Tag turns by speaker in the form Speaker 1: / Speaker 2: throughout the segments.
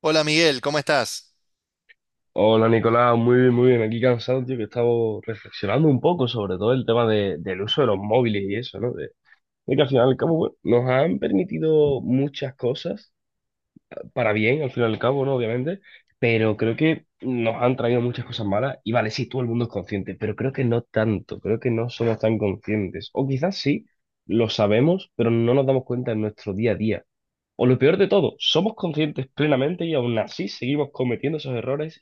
Speaker 1: Hola Miguel, ¿cómo estás?
Speaker 2: Hola Nicolás, muy bien, muy bien. Aquí cansado, tío, que estaba reflexionando un poco sobre todo el tema del uso de los móviles y eso, ¿no? De que al final y al cabo, bueno, nos han permitido muchas cosas, para bien, al final y al cabo, ¿no? Obviamente, pero creo que nos han traído muchas cosas malas. Y vale, sí, todo el mundo es consciente, pero creo que no tanto, creo que no somos tan conscientes. O quizás sí, lo sabemos, pero no nos damos cuenta en nuestro día a día. O lo peor de todo, somos conscientes plenamente y aún así seguimos cometiendo esos errores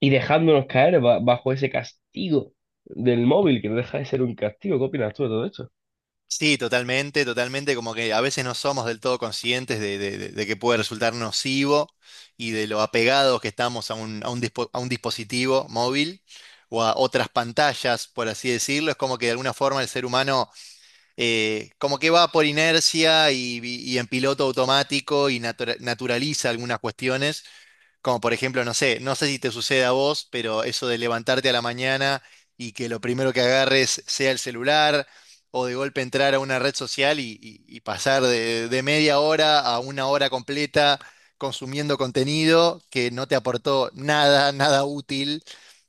Speaker 2: y dejándonos caer bajo ese castigo del móvil, que no deja de ser un castigo. ¿Qué opinas tú de todo esto?
Speaker 1: Sí, totalmente, totalmente, como que a veces no somos del todo conscientes de que puede resultar nocivo y de lo apegados que estamos a un dispositivo móvil o a otras pantallas, por así decirlo. Es como que de alguna forma el ser humano como que va por inercia y en piloto automático y naturaliza algunas cuestiones. Como por ejemplo, no sé, no sé si te sucede a vos, pero eso de levantarte a la mañana y que lo primero que agarres sea el celular, o de golpe entrar a una red social y pasar de media hora a una hora completa consumiendo contenido que no te aportó nada, nada útil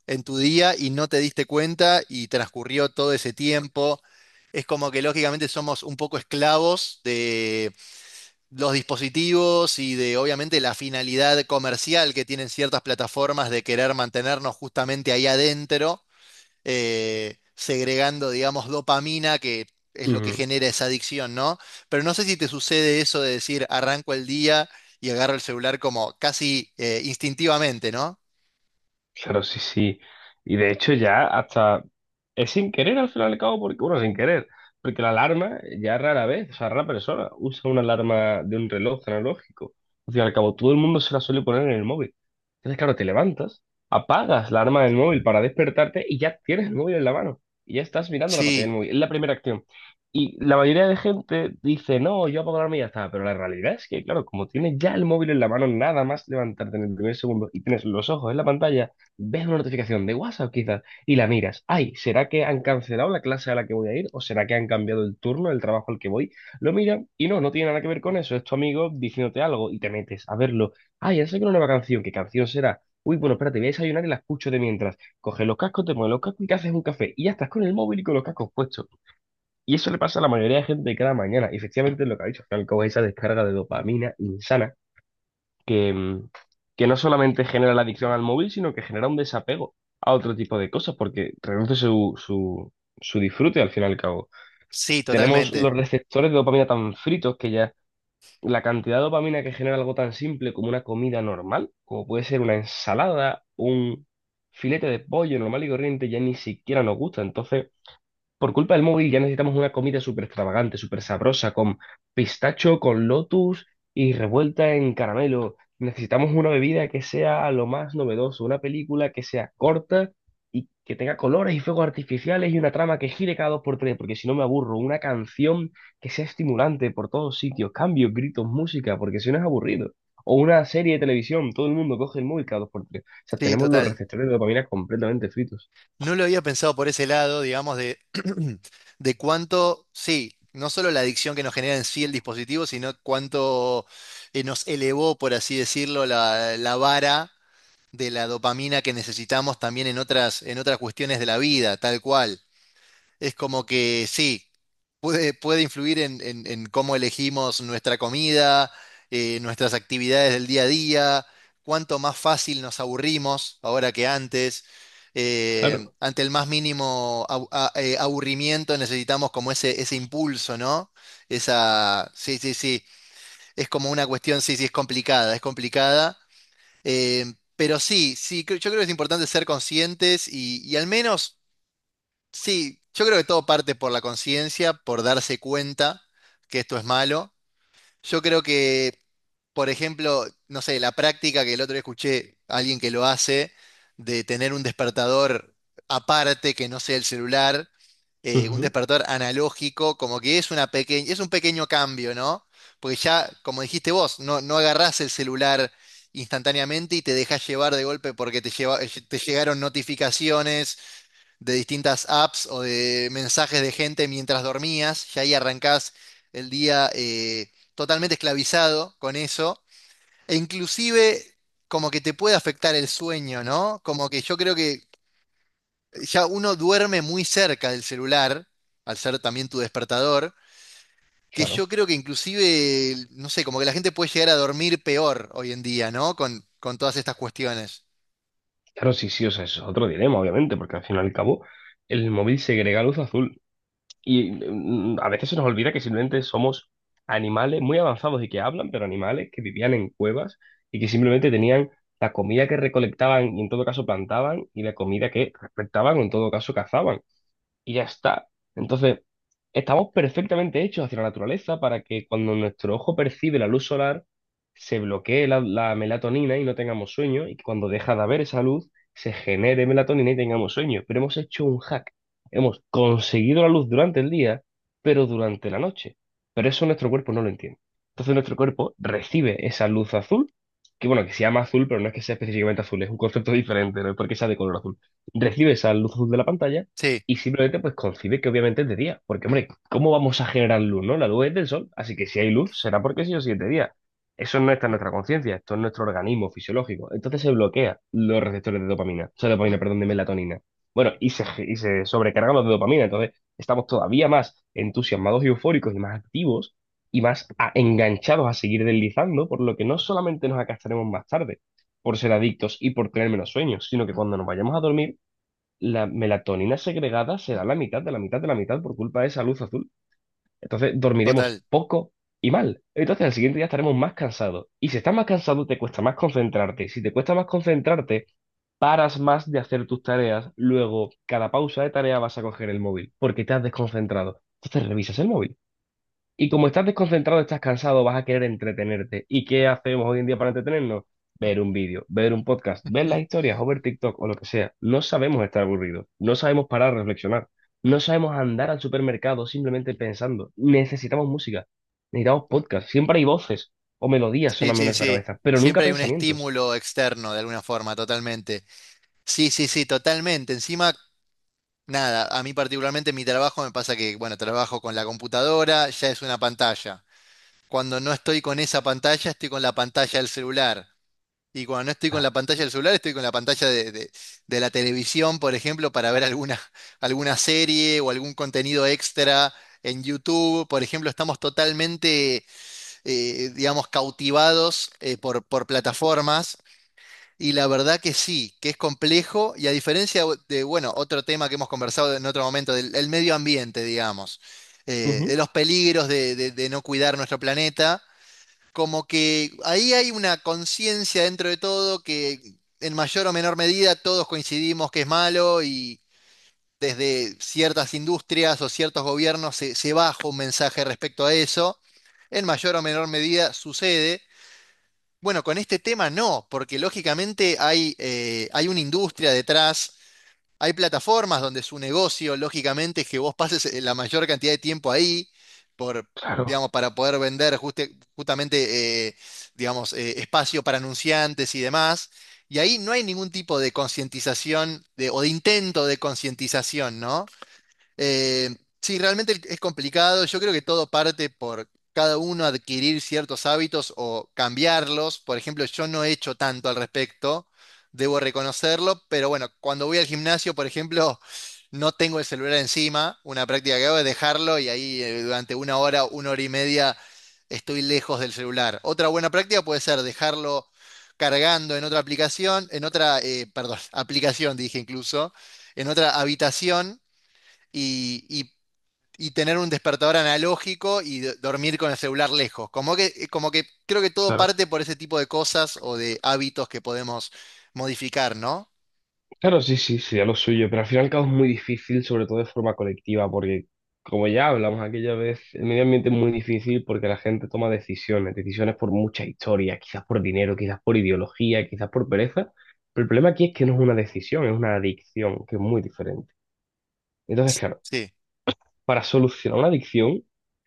Speaker 1: en tu día y no te diste cuenta y transcurrió todo ese tiempo. Es como que lógicamente somos un poco esclavos los dispositivos y de obviamente la finalidad comercial que tienen ciertas plataformas de querer mantenernos justamente ahí adentro, segregando, digamos, dopamina, que es lo que
Speaker 2: Ujú.
Speaker 1: genera esa adicción, ¿no? Pero no sé si te sucede eso de decir, arranco el día y agarro el celular como casi instintivamente, ¿no?
Speaker 2: Claro, sí, sí. Y de hecho ya hasta Es sin querer al final y al cabo, porque, bueno, sin querer, porque la alarma ya rara vez, o sea, rara persona usa una alarma de un reloj analógico. Al fin y al cabo, todo el mundo se la suele poner en el móvil. Entonces, claro, te levantas, apagas la alarma del móvil para despertarte y ya tienes el móvil en la mano. Y ya estás mirando la pantalla del
Speaker 1: Sí,
Speaker 2: móvil. Es la primera acción. Y la mayoría de gente dice, no, yo apago la alarma y ya está. Pero la realidad es que, claro, como tienes ya el móvil en la mano, nada más levantarte en el primer segundo y tienes los ojos en la pantalla, ves una notificación de WhatsApp quizás y la miras. Ay, ¿será que han cancelado la clase a la que voy a ir? ¿O será que han cambiado el turno, el trabajo al que voy? Lo miras y no, no tiene nada que ver con eso. Es tu amigo diciéndote algo y te metes a verlo. Ay, han sacado una nueva canción. ¿Qué canción será? Uy, bueno, espérate, voy a desayunar y la escucho de mientras. Coges los cascos, te pones los cascos y te haces un café. Y ya estás con el móvil y con los cascos puestos. Y eso le pasa a la mayoría de gente cada mañana. Y efectivamente es lo que ha dicho, que al cabo es esa descarga de dopamina insana que, mm, que no solamente genera la adicción al móvil, sino que genera un desapego a otro tipo de cosas, porque reduce su disfrute al fin y al cabo.
Speaker 1: sí,
Speaker 2: Tenemos los
Speaker 1: totalmente,
Speaker 2: receptores de dopamina tan fritos que ya la cantidad de dopamina que genera algo tan simple como una comida normal, como puede ser una ensalada, un filete de pollo normal y corriente, ya ni siquiera nos gusta. Entonces, por culpa del móvil ya necesitamos una comida súper extravagante, súper sabrosa, con pistacho, con lotus y revuelta en caramelo. Necesitamos una bebida que sea lo más novedoso, una película que sea corta y que tenga colores y fuegos artificiales y una trama que gire cada dos por tres, porque si no me aburro. Una canción que sea estimulante por todos sitios, cambios, gritos, música, porque si no es aburrido. O una serie de televisión, todo el mundo coge el móvil cada dos por tres. O sea,
Speaker 1: sí,
Speaker 2: tenemos los
Speaker 1: total.
Speaker 2: receptores de dopamina completamente fritos.
Speaker 1: No lo había pensado por ese lado, digamos, de, de cuánto, sí, no solo la adicción que nos genera en sí el dispositivo, sino cuánto nos elevó, por así decirlo, la vara de la dopamina que necesitamos también en otras cuestiones de la vida, tal cual. Es como que sí, puede, puede influir en cómo elegimos nuestra comida, nuestras actividades del día a día, cuánto más fácil nos aburrimos ahora que antes.
Speaker 2: Claro.
Speaker 1: Ante el más mínimo aburrimiento necesitamos como ese impulso, ¿no? Esa, sí, sí, sí, es como una cuestión, sí, sí, es complicada, es complicada. Pero sí, sí, yo creo que es importante ser conscientes y al menos... Sí, yo creo que todo parte por la conciencia, por darse cuenta que esto es malo. Yo creo que, por ejemplo, no sé, la práctica que el otro día escuché a alguien que lo hace, de tener un despertador aparte que no sea el celular, un
Speaker 2: Ujú.
Speaker 1: despertador analógico, como que es una pequeña, es un pequeño cambio, ¿no? Porque ya, como dijiste vos, no, no agarrás el celular instantáneamente y te dejas llevar de golpe porque te llegaron notificaciones de distintas apps o de mensajes de gente mientras dormías, ya ahí arrancás el día totalmente esclavizado con eso, e inclusive como que te puede afectar el sueño, ¿no? Como que yo creo que ya uno duerme muy cerca del celular, al ser también tu despertador, que yo
Speaker 2: Claro.
Speaker 1: creo que inclusive, no sé, como que la gente puede llegar a dormir peor hoy en día, ¿no? Con todas estas cuestiones.
Speaker 2: Claro, sí, sí, o sea, es otro dilema, obviamente, porque al fin y al cabo el móvil segrega luz azul y a veces se nos olvida que simplemente somos animales muy avanzados y que hablan, pero animales que vivían en cuevas y que simplemente tenían la comida que recolectaban y en todo caso plantaban y la comida que recolectaban o en todo caso cazaban y ya está. Entonces, estamos perfectamente hechos hacia la naturaleza para que cuando nuestro ojo percibe la luz solar, se bloquee la melatonina y no tengamos sueño, y que cuando deja de haber esa luz, se genere melatonina y tengamos sueño. Pero hemos hecho un hack. Hemos conseguido la luz durante el día, pero durante la noche. Pero eso nuestro cuerpo no lo entiende. Entonces nuestro cuerpo recibe esa luz azul, que bueno, que se llama azul, pero no es que sea específicamente azul, es un concepto diferente, no es porque sea de color azul. Recibe esa luz azul de la pantalla
Speaker 1: Sí,
Speaker 2: y simplemente pues coincide que obviamente es de día, porque hombre, ¿cómo vamos a generar luz, no? La luz es del sol, así que si hay luz será porque sí o sí es de día. Eso no está en nuestra conciencia, esto es nuestro organismo fisiológico. Entonces se bloquea los receptores de dopamina, o sea, dopamina, perdón, de melatonina. Bueno, y se sobrecargan los de dopamina, entonces estamos todavía más entusiasmados y eufóricos y más activos y más enganchados a seguir deslizando, por lo que no solamente nos acastaremos más tarde por ser adictos y por tener menos sueños, sino que cuando nos vayamos a dormir la melatonina segregada será la mitad de la mitad de la mitad por culpa de esa luz azul. Entonces dormiremos
Speaker 1: total.
Speaker 2: poco y mal. Entonces al siguiente día estaremos más cansados. Y si estás más cansado, te cuesta más concentrarte. Si te cuesta más concentrarte, paras más de hacer tus tareas. Luego, cada pausa de tarea vas a coger el móvil porque te has desconcentrado. Entonces revisas el móvil. Y como estás desconcentrado, estás cansado, vas a querer entretenerte. ¿Y qué hacemos hoy en día para entretenernos? Ver un vídeo, ver un podcast, ver las historias o ver TikTok o lo que sea. No sabemos estar aburridos, no sabemos parar a reflexionar, no sabemos andar al supermercado simplemente pensando. Necesitamos música, necesitamos podcast. Siempre hay voces o melodías
Speaker 1: Sí,
Speaker 2: sonando en
Speaker 1: sí,
Speaker 2: nuestra
Speaker 1: sí.
Speaker 2: cabeza, pero nunca
Speaker 1: Siempre hay un
Speaker 2: pensamientos.
Speaker 1: estímulo externo de alguna forma, totalmente. Sí, sí, sí, totalmente. Encima, nada, a mí particularmente mi trabajo me pasa que, bueno, trabajo con la computadora, ya es una pantalla. Cuando no estoy con esa pantalla, estoy con la pantalla del celular. Y cuando no estoy con
Speaker 2: Ah.
Speaker 1: la pantalla del celular, estoy con la pantalla de la televisión, por ejemplo, para ver alguna, alguna serie o algún contenido extra en YouTube. Por ejemplo, estamos totalmente digamos, cautivados por plataformas. Y la verdad que sí, que es complejo y a diferencia de, bueno, otro tema que hemos conversado en otro momento, del, el medio ambiente, digamos, de
Speaker 2: Ujú.
Speaker 1: los peligros de no cuidar nuestro planeta, como que ahí hay una conciencia dentro de todo que en mayor o menor medida todos coincidimos que es malo y desde ciertas industrias o ciertos gobiernos se, se baja un mensaje respecto a eso. En mayor o menor medida sucede. Bueno, con este tema no, porque lógicamente hay, hay una industria detrás, hay plataformas donde su negocio, lógicamente, es que vos pases la mayor cantidad de tiempo ahí, por,
Speaker 2: Claro,
Speaker 1: digamos, para poder vender justamente, digamos, espacio para anunciantes y demás. Y ahí no hay ningún tipo de concientización de- o de intento de concientización, ¿no? Eh, sí, realmente es complicado. Yo creo que todo parte por cada uno adquirir ciertos hábitos o cambiarlos. Por ejemplo, yo no he hecho tanto al respecto, debo reconocerlo, pero bueno, cuando voy al gimnasio, por ejemplo, no tengo el celular encima, una práctica que hago es dejarlo y ahí durante una hora y media estoy lejos del celular. Otra buena práctica puede ser dejarlo cargando en otra aplicación, en otra, perdón, aplicación dije incluso, en otra habitación y, y tener un despertador analógico y dormir con el celular lejos. Como que creo que todo
Speaker 2: claro.
Speaker 1: parte por ese tipo de cosas o de hábitos que podemos modificar, ¿no?
Speaker 2: Claro, sí, sí, sería lo suyo, pero al final y al cabo es muy difícil, sobre todo de forma colectiva, porque como ya hablamos aquella vez, el medio ambiente es muy difícil porque la gente toma decisiones, decisiones por mucha historia, quizás por dinero, quizás por ideología, quizás por pereza, pero el problema aquí es que no es una decisión, es una adicción, que es muy diferente. Entonces, claro,
Speaker 1: Sí,
Speaker 2: para solucionar una adicción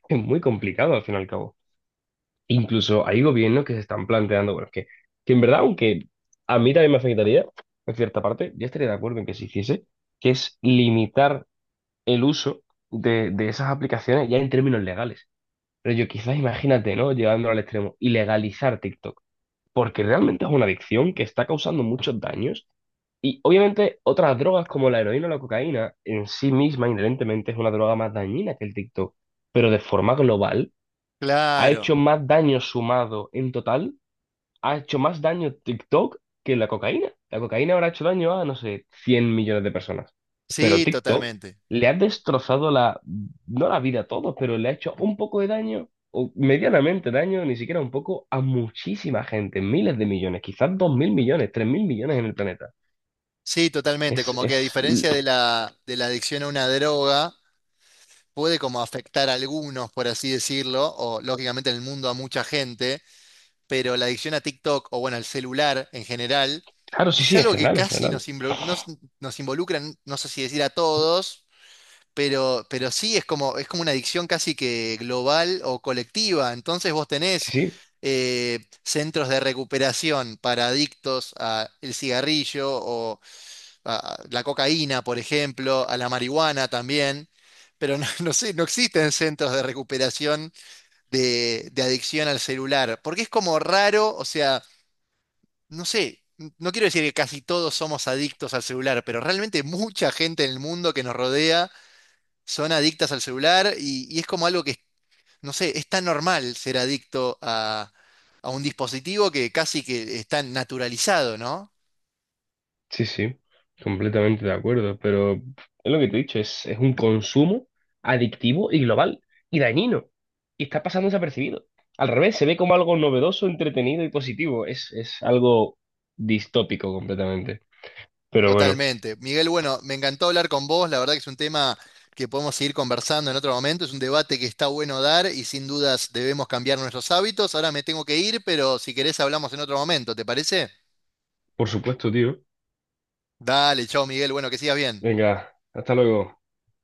Speaker 2: es muy complicado al final y al cabo. Incluso hay gobiernos que se están planteando, bueno, que en verdad, aunque a mí también me afectaría, en cierta parte, yo estaría de acuerdo en que se hiciese, que es limitar el uso de esas aplicaciones ya en términos legales. Pero yo quizás imagínate, ¿no? Llevándolo al extremo, ilegalizar TikTok, porque realmente es una adicción que está causando muchos daños y obviamente otras drogas como la heroína o la cocaína en sí misma inherentemente es una droga más dañina que el TikTok, pero de forma global ha
Speaker 1: claro.
Speaker 2: hecho más daño sumado en total ha hecho más daño TikTok que la cocaína. La cocaína habrá hecho daño a, no sé, 100 millones de personas. Pero
Speaker 1: Sí,
Speaker 2: TikTok
Speaker 1: totalmente.
Speaker 2: le ha destrozado la, no la vida a todos, pero le ha hecho un poco de daño, o medianamente daño, ni siquiera un poco, a muchísima gente, miles de millones, quizás 2.000 millones, 3.000 millones en el planeta.
Speaker 1: Sí, totalmente.
Speaker 2: Es,
Speaker 1: Como que a
Speaker 2: es,
Speaker 1: diferencia de la adicción a una droga, puede como afectar a algunos, por así decirlo, o lógicamente en el mundo a mucha gente, pero la adicción a TikTok o bueno, al celular en general
Speaker 2: claro, sí,
Speaker 1: es
Speaker 2: sí, en
Speaker 1: algo que
Speaker 2: general, en
Speaker 1: casi
Speaker 2: general.
Speaker 1: nos involucra, no sé si decir a todos, pero sí es como una adicción casi que global o colectiva. Entonces vos
Speaker 2: Sí,
Speaker 1: tenés
Speaker 2: sí.
Speaker 1: centros de recuperación para adictos al cigarrillo o a la cocaína, por ejemplo, a la marihuana también. Pero no, no sé, no existen centros de recuperación de adicción al celular, porque es como raro, o sea, no sé, no quiero decir que casi todos somos adictos al celular, pero realmente mucha gente en el mundo que nos rodea son adictas al celular y es como algo que, no sé, es tan normal ser adicto a un dispositivo que casi que está naturalizado, ¿no?
Speaker 2: Sí, sí, completamente de acuerdo, pero es lo que te he dicho, es un consumo adictivo y global y dañino, y está pasando desapercibido. Al revés, se ve como algo novedoso, entretenido y positivo, es algo distópico completamente. Pero bueno,
Speaker 1: Totalmente. Miguel, bueno, me encantó hablar con vos, la verdad que es un tema que podemos seguir conversando en otro momento, es un debate que está bueno dar y sin dudas debemos cambiar nuestros hábitos. Ahora me tengo que ir, pero si querés hablamos en otro momento, ¿te parece?
Speaker 2: por supuesto, tío.
Speaker 1: Dale, chao Miguel, bueno, que sigas bien.
Speaker 2: Venga, hasta luego.